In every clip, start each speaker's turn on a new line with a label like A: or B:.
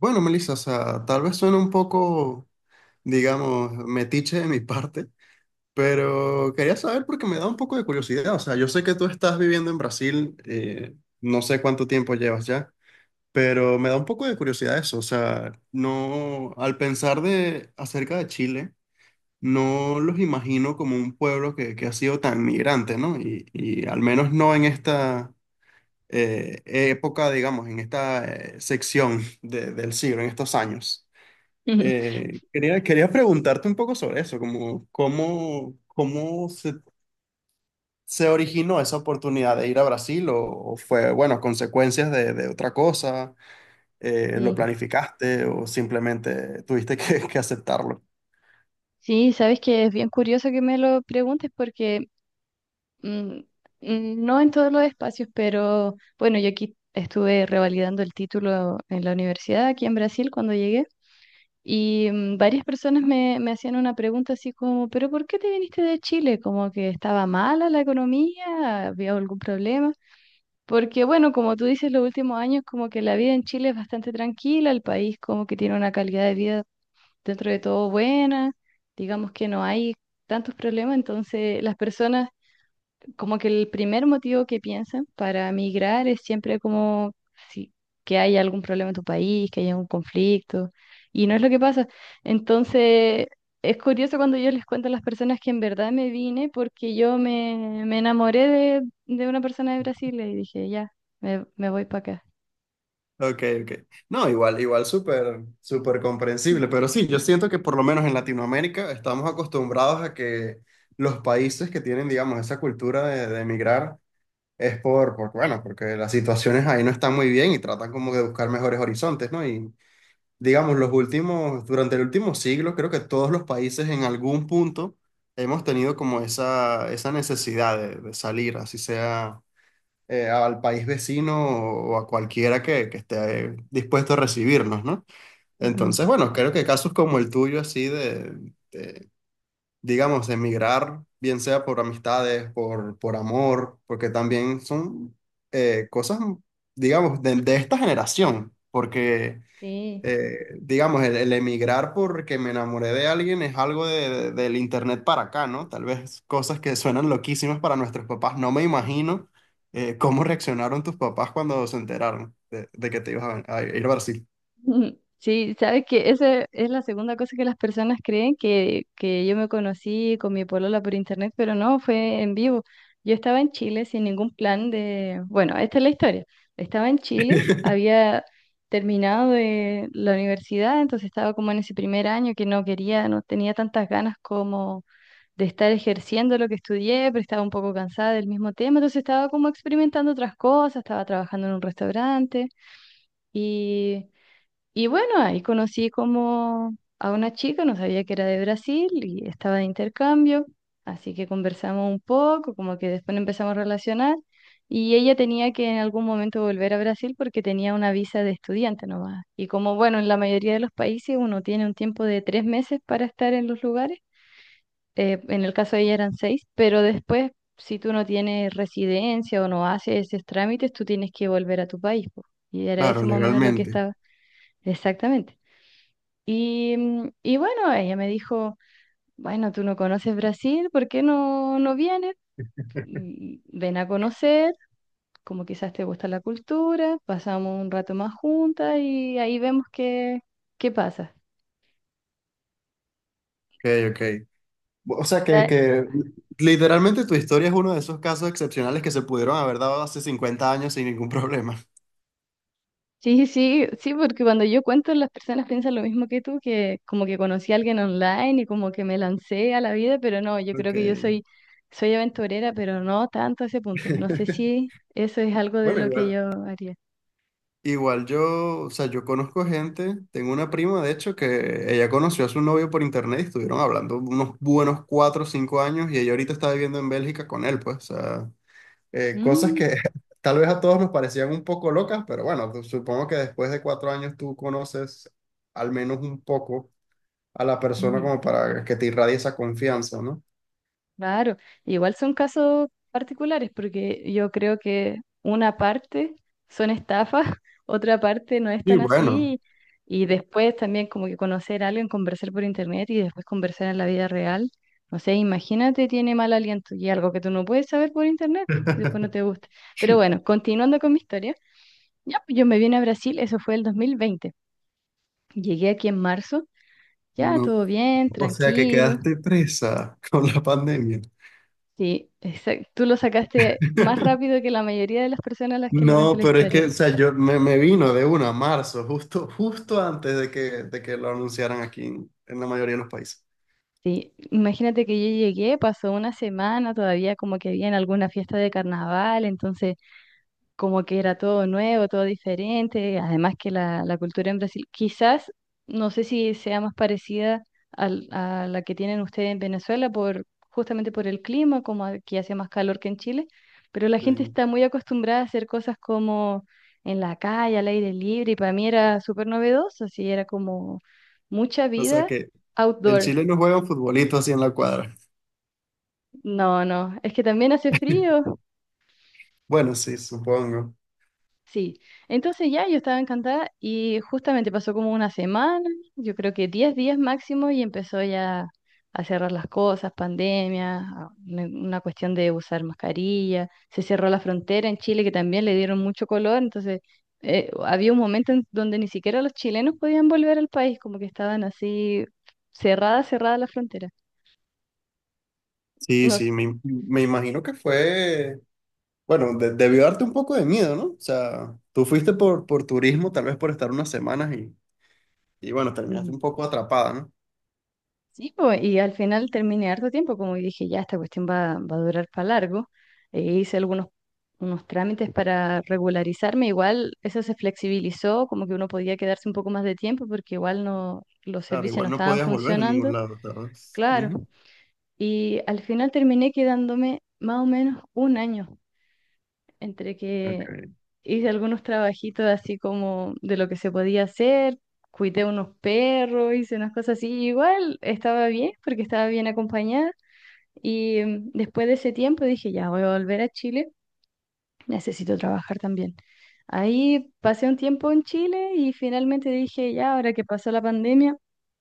A: Bueno, Melissa, o sea, tal vez suene un poco, digamos, metiche de mi parte, pero quería saber porque me da un poco de curiosidad. O sea, yo sé que tú estás viviendo en Brasil, no sé cuánto tiempo llevas ya, pero me da un poco de curiosidad eso. O sea, no, al pensar de acerca de Chile, no los imagino como un pueblo que ha sido tan migrante, ¿no? Y al menos no en esta época, digamos, en esta sección del siglo, en estos años.
B: Ujú.
A: Quería preguntarte un poco sobre eso, como cómo se originó esa oportunidad de ir a Brasil o fue, bueno, consecuencias de otra cosa. Lo
B: Sí,
A: planificaste o simplemente tuviste que aceptarlo.
B: sí, sabes que es bien curioso que me lo preguntes porque mm, no en todos los espacios, pero bueno, yo aquí estuve revalidando el título en la universidad aquí en Brasil cuando llegué y varias personas me hacían una pregunta así como, ¿pero por qué te viniste de Chile? Como que estaba mala la economía, había algún problema. Porque bueno, como tú dices, los últimos años como que la vida en Chile es bastante tranquila, el país como que tiene una calidad de vida dentro de todo buena, digamos que no hay tantos problemas, entonces las personas, como que el primer motivo que piensan para migrar es siempre como si, que hay algún problema en tu país, que hay algún conflicto, y no es lo que pasa. Entonces es curioso cuando yo les cuento a las personas que en verdad me vine porque yo me enamoré de una persona de Brasil y dije, ya, me voy para acá.
A: Ok, ok. No, igual, igual súper, súper comprensible, pero sí, yo siento que por lo menos en Latinoamérica estamos acostumbrados a que los países que tienen, digamos, esa cultura de emigrar. Es bueno, porque las situaciones ahí no están muy bien y tratan como de buscar mejores horizontes, ¿no? Y digamos, los últimos, durante el último siglo, creo que todos los países en algún punto hemos tenido como esa necesidad de salir, así sea al país vecino o, a cualquiera que esté dispuesto a recibirnos, ¿no?
B: Ujú.
A: Entonces, bueno, creo que casos como el tuyo, así de, digamos, emigrar, bien sea por amistades, por amor, porque también son cosas, digamos, de esta generación, porque,
B: Sí,
A: digamos, el emigrar porque me enamoré de alguien es algo del internet para acá, ¿no? Tal vez cosas que suenan loquísimas para nuestros papás. No me
B: sí.
A: imagino cómo reaccionaron tus papás cuando se enteraron de que te ibas a ir a Brasil.
B: Mm, sí, sabes que esa es la segunda cosa que las personas creen, que yo me conocí con mi polola por internet, pero no, fue en vivo. Yo estaba en Chile sin ningún plan de, bueno, esta es la historia. Estaba en Chile, había terminado de la universidad, entonces estaba como en ese primer año que no quería, no tenía tantas ganas como de estar ejerciendo lo que estudié, pero estaba un poco cansada del mismo tema, entonces estaba como experimentando otras cosas, estaba trabajando en un restaurante y y bueno, ahí conocí como a una chica, no sabía que era de Brasil y estaba de intercambio, así que conversamos un poco, como que después nos empezamos a relacionar y ella tenía que en algún momento volver a Brasil porque tenía una visa de estudiante nomás. Y como, bueno, en la mayoría de los países uno tiene un tiempo de 3 meses para estar en los lugares, en el caso de ella eran 6, pero después, si tú no tienes residencia o no haces esos trámites, tú tienes que volver a tu país, po. Y era eso
A: Claro,
B: más o menos lo que
A: legalmente.
B: estaba. Exactamente. Y bueno, ella me dijo, bueno, tú no conoces Brasil, ¿por qué no, no vienes? Mm, Ven a conocer, como quizás te gusta la cultura, pasamos un rato más juntas y ahí vemos qué pasa.
A: Ok, ok. O sea
B: Da-
A: que literalmente tu historia es uno de esos casos excepcionales que se pudieron haber dado hace 50 años sin ningún problema.
B: Sí, sí, sí, porque cuando yo cuento, las personas piensan lo mismo que tú, que como que conocí a alguien online y como que me lancé a la vida, pero no, yo creo
A: Ok.
B: que yo soy aventurera, pero no tanto a ese punto. No sé si eso es algo de
A: Bueno,
B: lo que
A: igual.
B: yo haría.
A: Igual yo, o sea, yo conozco gente, tengo una prima de hecho que ella conoció a su novio por internet y estuvieron hablando unos buenos 4 o 5 años y ella ahorita está viviendo en Bélgica con él, pues, o sea, cosas
B: Mm,
A: que tal vez a todos nos parecían un poco locas, pero bueno, supongo que después de 4 años tú conoces al menos un poco a la persona
B: ujú.
A: como para que te irradie esa confianza, ¿no?
B: Claro, igual son casos particulares porque yo creo que una parte son estafas, otra parte no es
A: Y
B: tan
A: bueno,
B: así, y después también, como que conocer a alguien, conversar por internet y después conversar en la vida real. No sé, imagínate, tiene mal aliento y algo que tú no puedes saber por internet, y después no te gusta. Pero bueno, continuando con mi historia, ya pues yo me vine a Brasil, eso fue el 2020. Llegué aquí en marzo, ya
A: no,
B: todo bien,
A: o sea que
B: tranquilo.
A: quedaste presa con la pandemia.
B: Sí, exacto. Tú lo sacaste más rápido que la mayoría de las personas a las que le cuento
A: No,
B: la
A: pero es que,
B: historia.
A: o sea, me vino de una a marzo, justo, justo antes de que lo anunciaran aquí en la mayoría de los países.
B: Sí, imagínate que yo llegué, pasó una semana todavía como que había, en alguna fiesta de carnaval, entonces como que era todo nuevo, todo diferente, además que la cultura en Brasil, quizás, no sé si sea más parecida a la que tienen ustedes en Venezuela, por, justamente por el clima, como aquí hace más calor que en Chile, pero la
A: Sí.
B: gente está muy acostumbrada a hacer cosas como en la calle, al aire libre, y para mí era súper novedoso, así era como mucha
A: O sea
B: vida
A: que en
B: outdoor.
A: Chile no juegan futbolito así en la cuadra.
B: No, no, es que también hace frío.
A: Bueno, sí, supongo.
B: Sí, entonces ya yo estaba encantada y justamente pasó como una semana, yo creo que 10 días máximo, y empezó ya a cerrar las cosas, pandemia, una cuestión de usar mascarilla, se cerró la frontera en Chile, que también le dieron mucho color, entonces, había un momento en donde ni siquiera los chilenos podían volver al país, como que estaban así, cerrada, cerrada la frontera.
A: Sí,
B: No.
A: sí, me imagino que fue. Bueno, debió darte un poco de miedo, ¿no? O sea, tú fuiste por turismo, tal vez por estar unas semanas y bueno, terminaste un poco atrapada, ¿no?
B: Sí, po, y al final terminé harto tiempo, como dije, ya esta cuestión va, a durar para largo. E hice algunos unos trámites para regularizarme, igual eso se flexibilizó, como que uno podía quedarse un poco más de tiempo porque igual no, los
A: Claro,
B: servicios no
A: igual no
B: estaban
A: podías volver a ningún
B: funcionando,
A: lado, ¿sabes?
B: claro.
A: Ujú.
B: Y al final terminé quedándome más o menos un año entre que
A: Ok.
B: hice algunos trabajitos así, como de lo que se podía hacer, cuidé unos perros, hice unas cosas así, y igual estaba bien porque estaba bien acompañada. Y después de ese tiempo dije, ya voy a volver a Chile, necesito trabajar también. Ahí pasé un tiempo en Chile y finalmente dije, ya ahora que pasó la pandemia,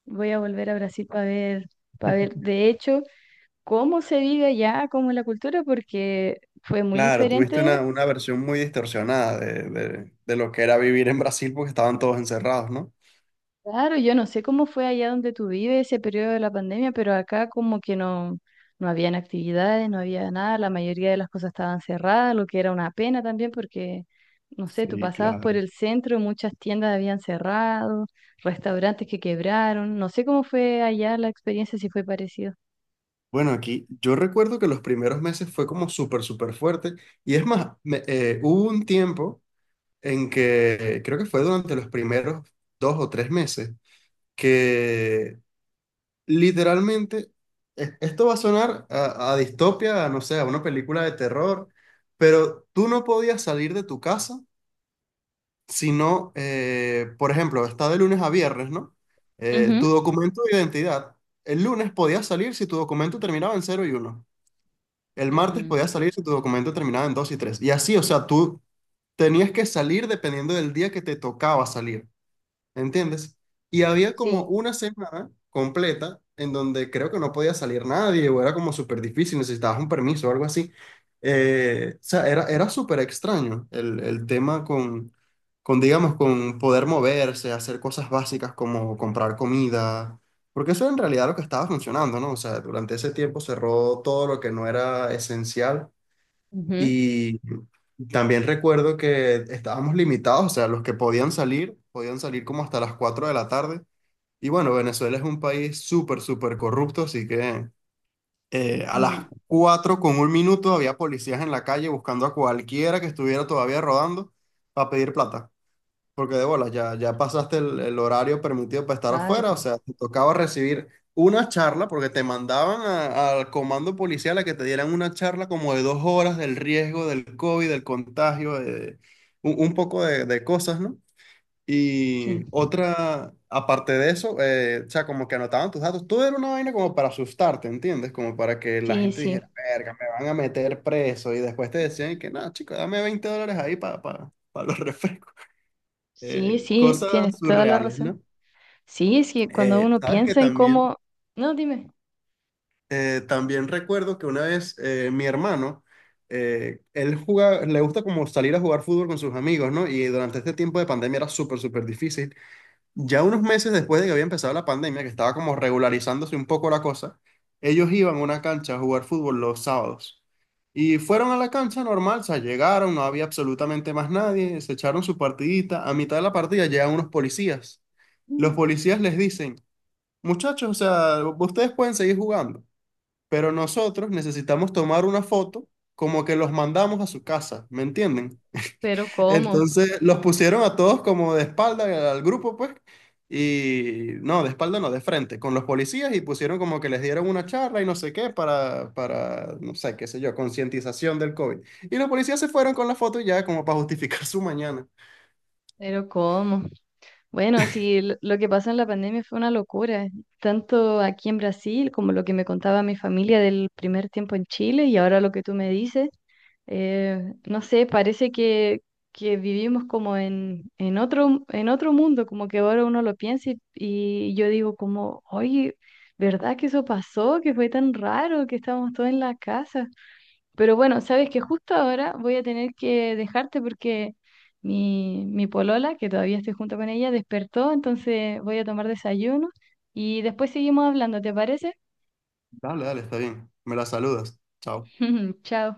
B: voy a volver a Brasil para ver de hecho cómo se vive allá, cómo es la cultura, porque fue muy
A: Claro, tuviste
B: diferente.
A: una versión muy distorsionada de lo que era vivir en Brasil porque estaban todos encerrados, ¿no?
B: Claro, yo no sé cómo fue allá donde tú vives ese periodo de la pandemia, pero acá como que no, no habían actividades, no había nada, la mayoría de las cosas estaban cerradas, lo que era una pena también porque, no sé, tú
A: Sí,
B: pasabas por
A: claro.
B: el centro, muchas tiendas habían cerrado, restaurantes que quebraron, no sé cómo fue allá la experiencia, si fue parecido.
A: Bueno, aquí yo recuerdo que los primeros meses fue como súper, súper fuerte. Y es más, hubo un tiempo en que creo que fue durante los primeros 2 o 3 meses que literalmente, esto va a sonar a distopia, a, no sé, a una película de terror, pero tú no podías salir de tu casa, sino, por ejemplo, está de lunes a viernes, ¿no? Tu
B: Ujú.
A: documento de identidad. El lunes podías salir si tu documento terminaba en 0 y 1. El martes
B: Mm,
A: podías salir si tu documento terminaba en 2 y 3. Y así, o sea, tú tenías que salir dependiendo del día que te tocaba salir. ¿Entiendes? Y había como
B: sí.
A: una semana completa en donde creo que no podía salir nadie o era como súper difícil, necesitabas un permiso o algo así. O sea, era súper extraño el tema con, digamos, con poder moverse, hacer cosas básicas como comprar comida, porque eso en realidad era lo que estaba funcionando, ¿no? O sea, durante ese tiempo cerró todo lo que no era esencial
B: Ujú.
A: y también recuerdo que estábamos limitados, o sea, los que podían salir como hasta las 4 de la tarde. Y bueno, Venezuela es un país súper, súper corrupto, así que a las
B: Mm,
A: 4 con un minuto había policías en la calle buscando a cualquiera que estuviera todavía rodando para pedir plata. Porque de bolas, ya, ya pasaste el horario permitido para estar
B: claro,
A: afuera, o sea, te tocaba recibir una charla porque te mandaban al comando policial a que te dieran una charla como de 2 horas del riesgo del COVID, del contagio, un poco de cosas, ¿no?
B: sí,
A: Y otra, aparte de eso, o sea, como que anotaban tus datos, todo era una vaina como para asustarte, ¿entiendes? Como para que la
B: sí,
A: gente
B: sí,
A: dijera, verga, me van a meter preso y después te decían que, nada chico, dame $20 ahí para los refrescos.
B: sí, sí,
A: Cosas
B: tienes toda la
A: surreales,
B: razón.
A: ¿no?
B: Sí, es que cuando uno
A: Sabes que
B: piensa en
A: también,
B: cómo, no, dime.
A: también recuerdo que una vez mi hermano, él juega, le gusta como salir a jugar fútbol con sus amigos, ¿no? Y durante este tiempo de pandemia era súper, súper difícil. Ya unos meses después de que había empezado la pandemia, que estaba como regularizándose un poco la cosa, ellos iban a una cancha a jugar fútbol los sábados. Y fueron a la cancha normal, o sea, llegaron, no había absolutamente más nadie, se echaron su partidita. A mitad de la partida llegan unos policías. Los
B: Mm.
A: policías les dicen, muchachos, o sea, ustedes pueden seguir jugando, pero nosotros necesitamos tomar una foto como que los mandamos a su casa, ¿me entienden?
B: Pero cómo,
A: Entonces los pusieron a todos como de espalda al grupo, pues, y no, de espalda no, de frente, con los policías y pusieron como que les dieron una charla y no sé qué para, no sé, qué sé yo, concientización del COVID. Y los policías se fueron con la foto y ya como para justificar su mañana.
B: pero cómo. Bueno, sí, lo que pasó en la pandemia fue una locura, tanto aquí en Brasil como lo que me contaba mi familia del primer tiempo en Chile y ahora lo que tú me dices. No sé, parece que, vivimos como en, en otro mundo, como que ahora uno lo piensa y yo digo como, oye, ¿verdad que eso pasó? Que fue tan raro que estábamos todos en la casa. Pero bueno, sabes que justo ahora voy a tener que dejarte porque mi polola, que todavía estoy junto con ella, despertó, entonces voy a tomar desayuno y después seguimos hablando, ¿te parece?
A: Dale, dale, está bien. Me la saludas. Chao.
B: Chao.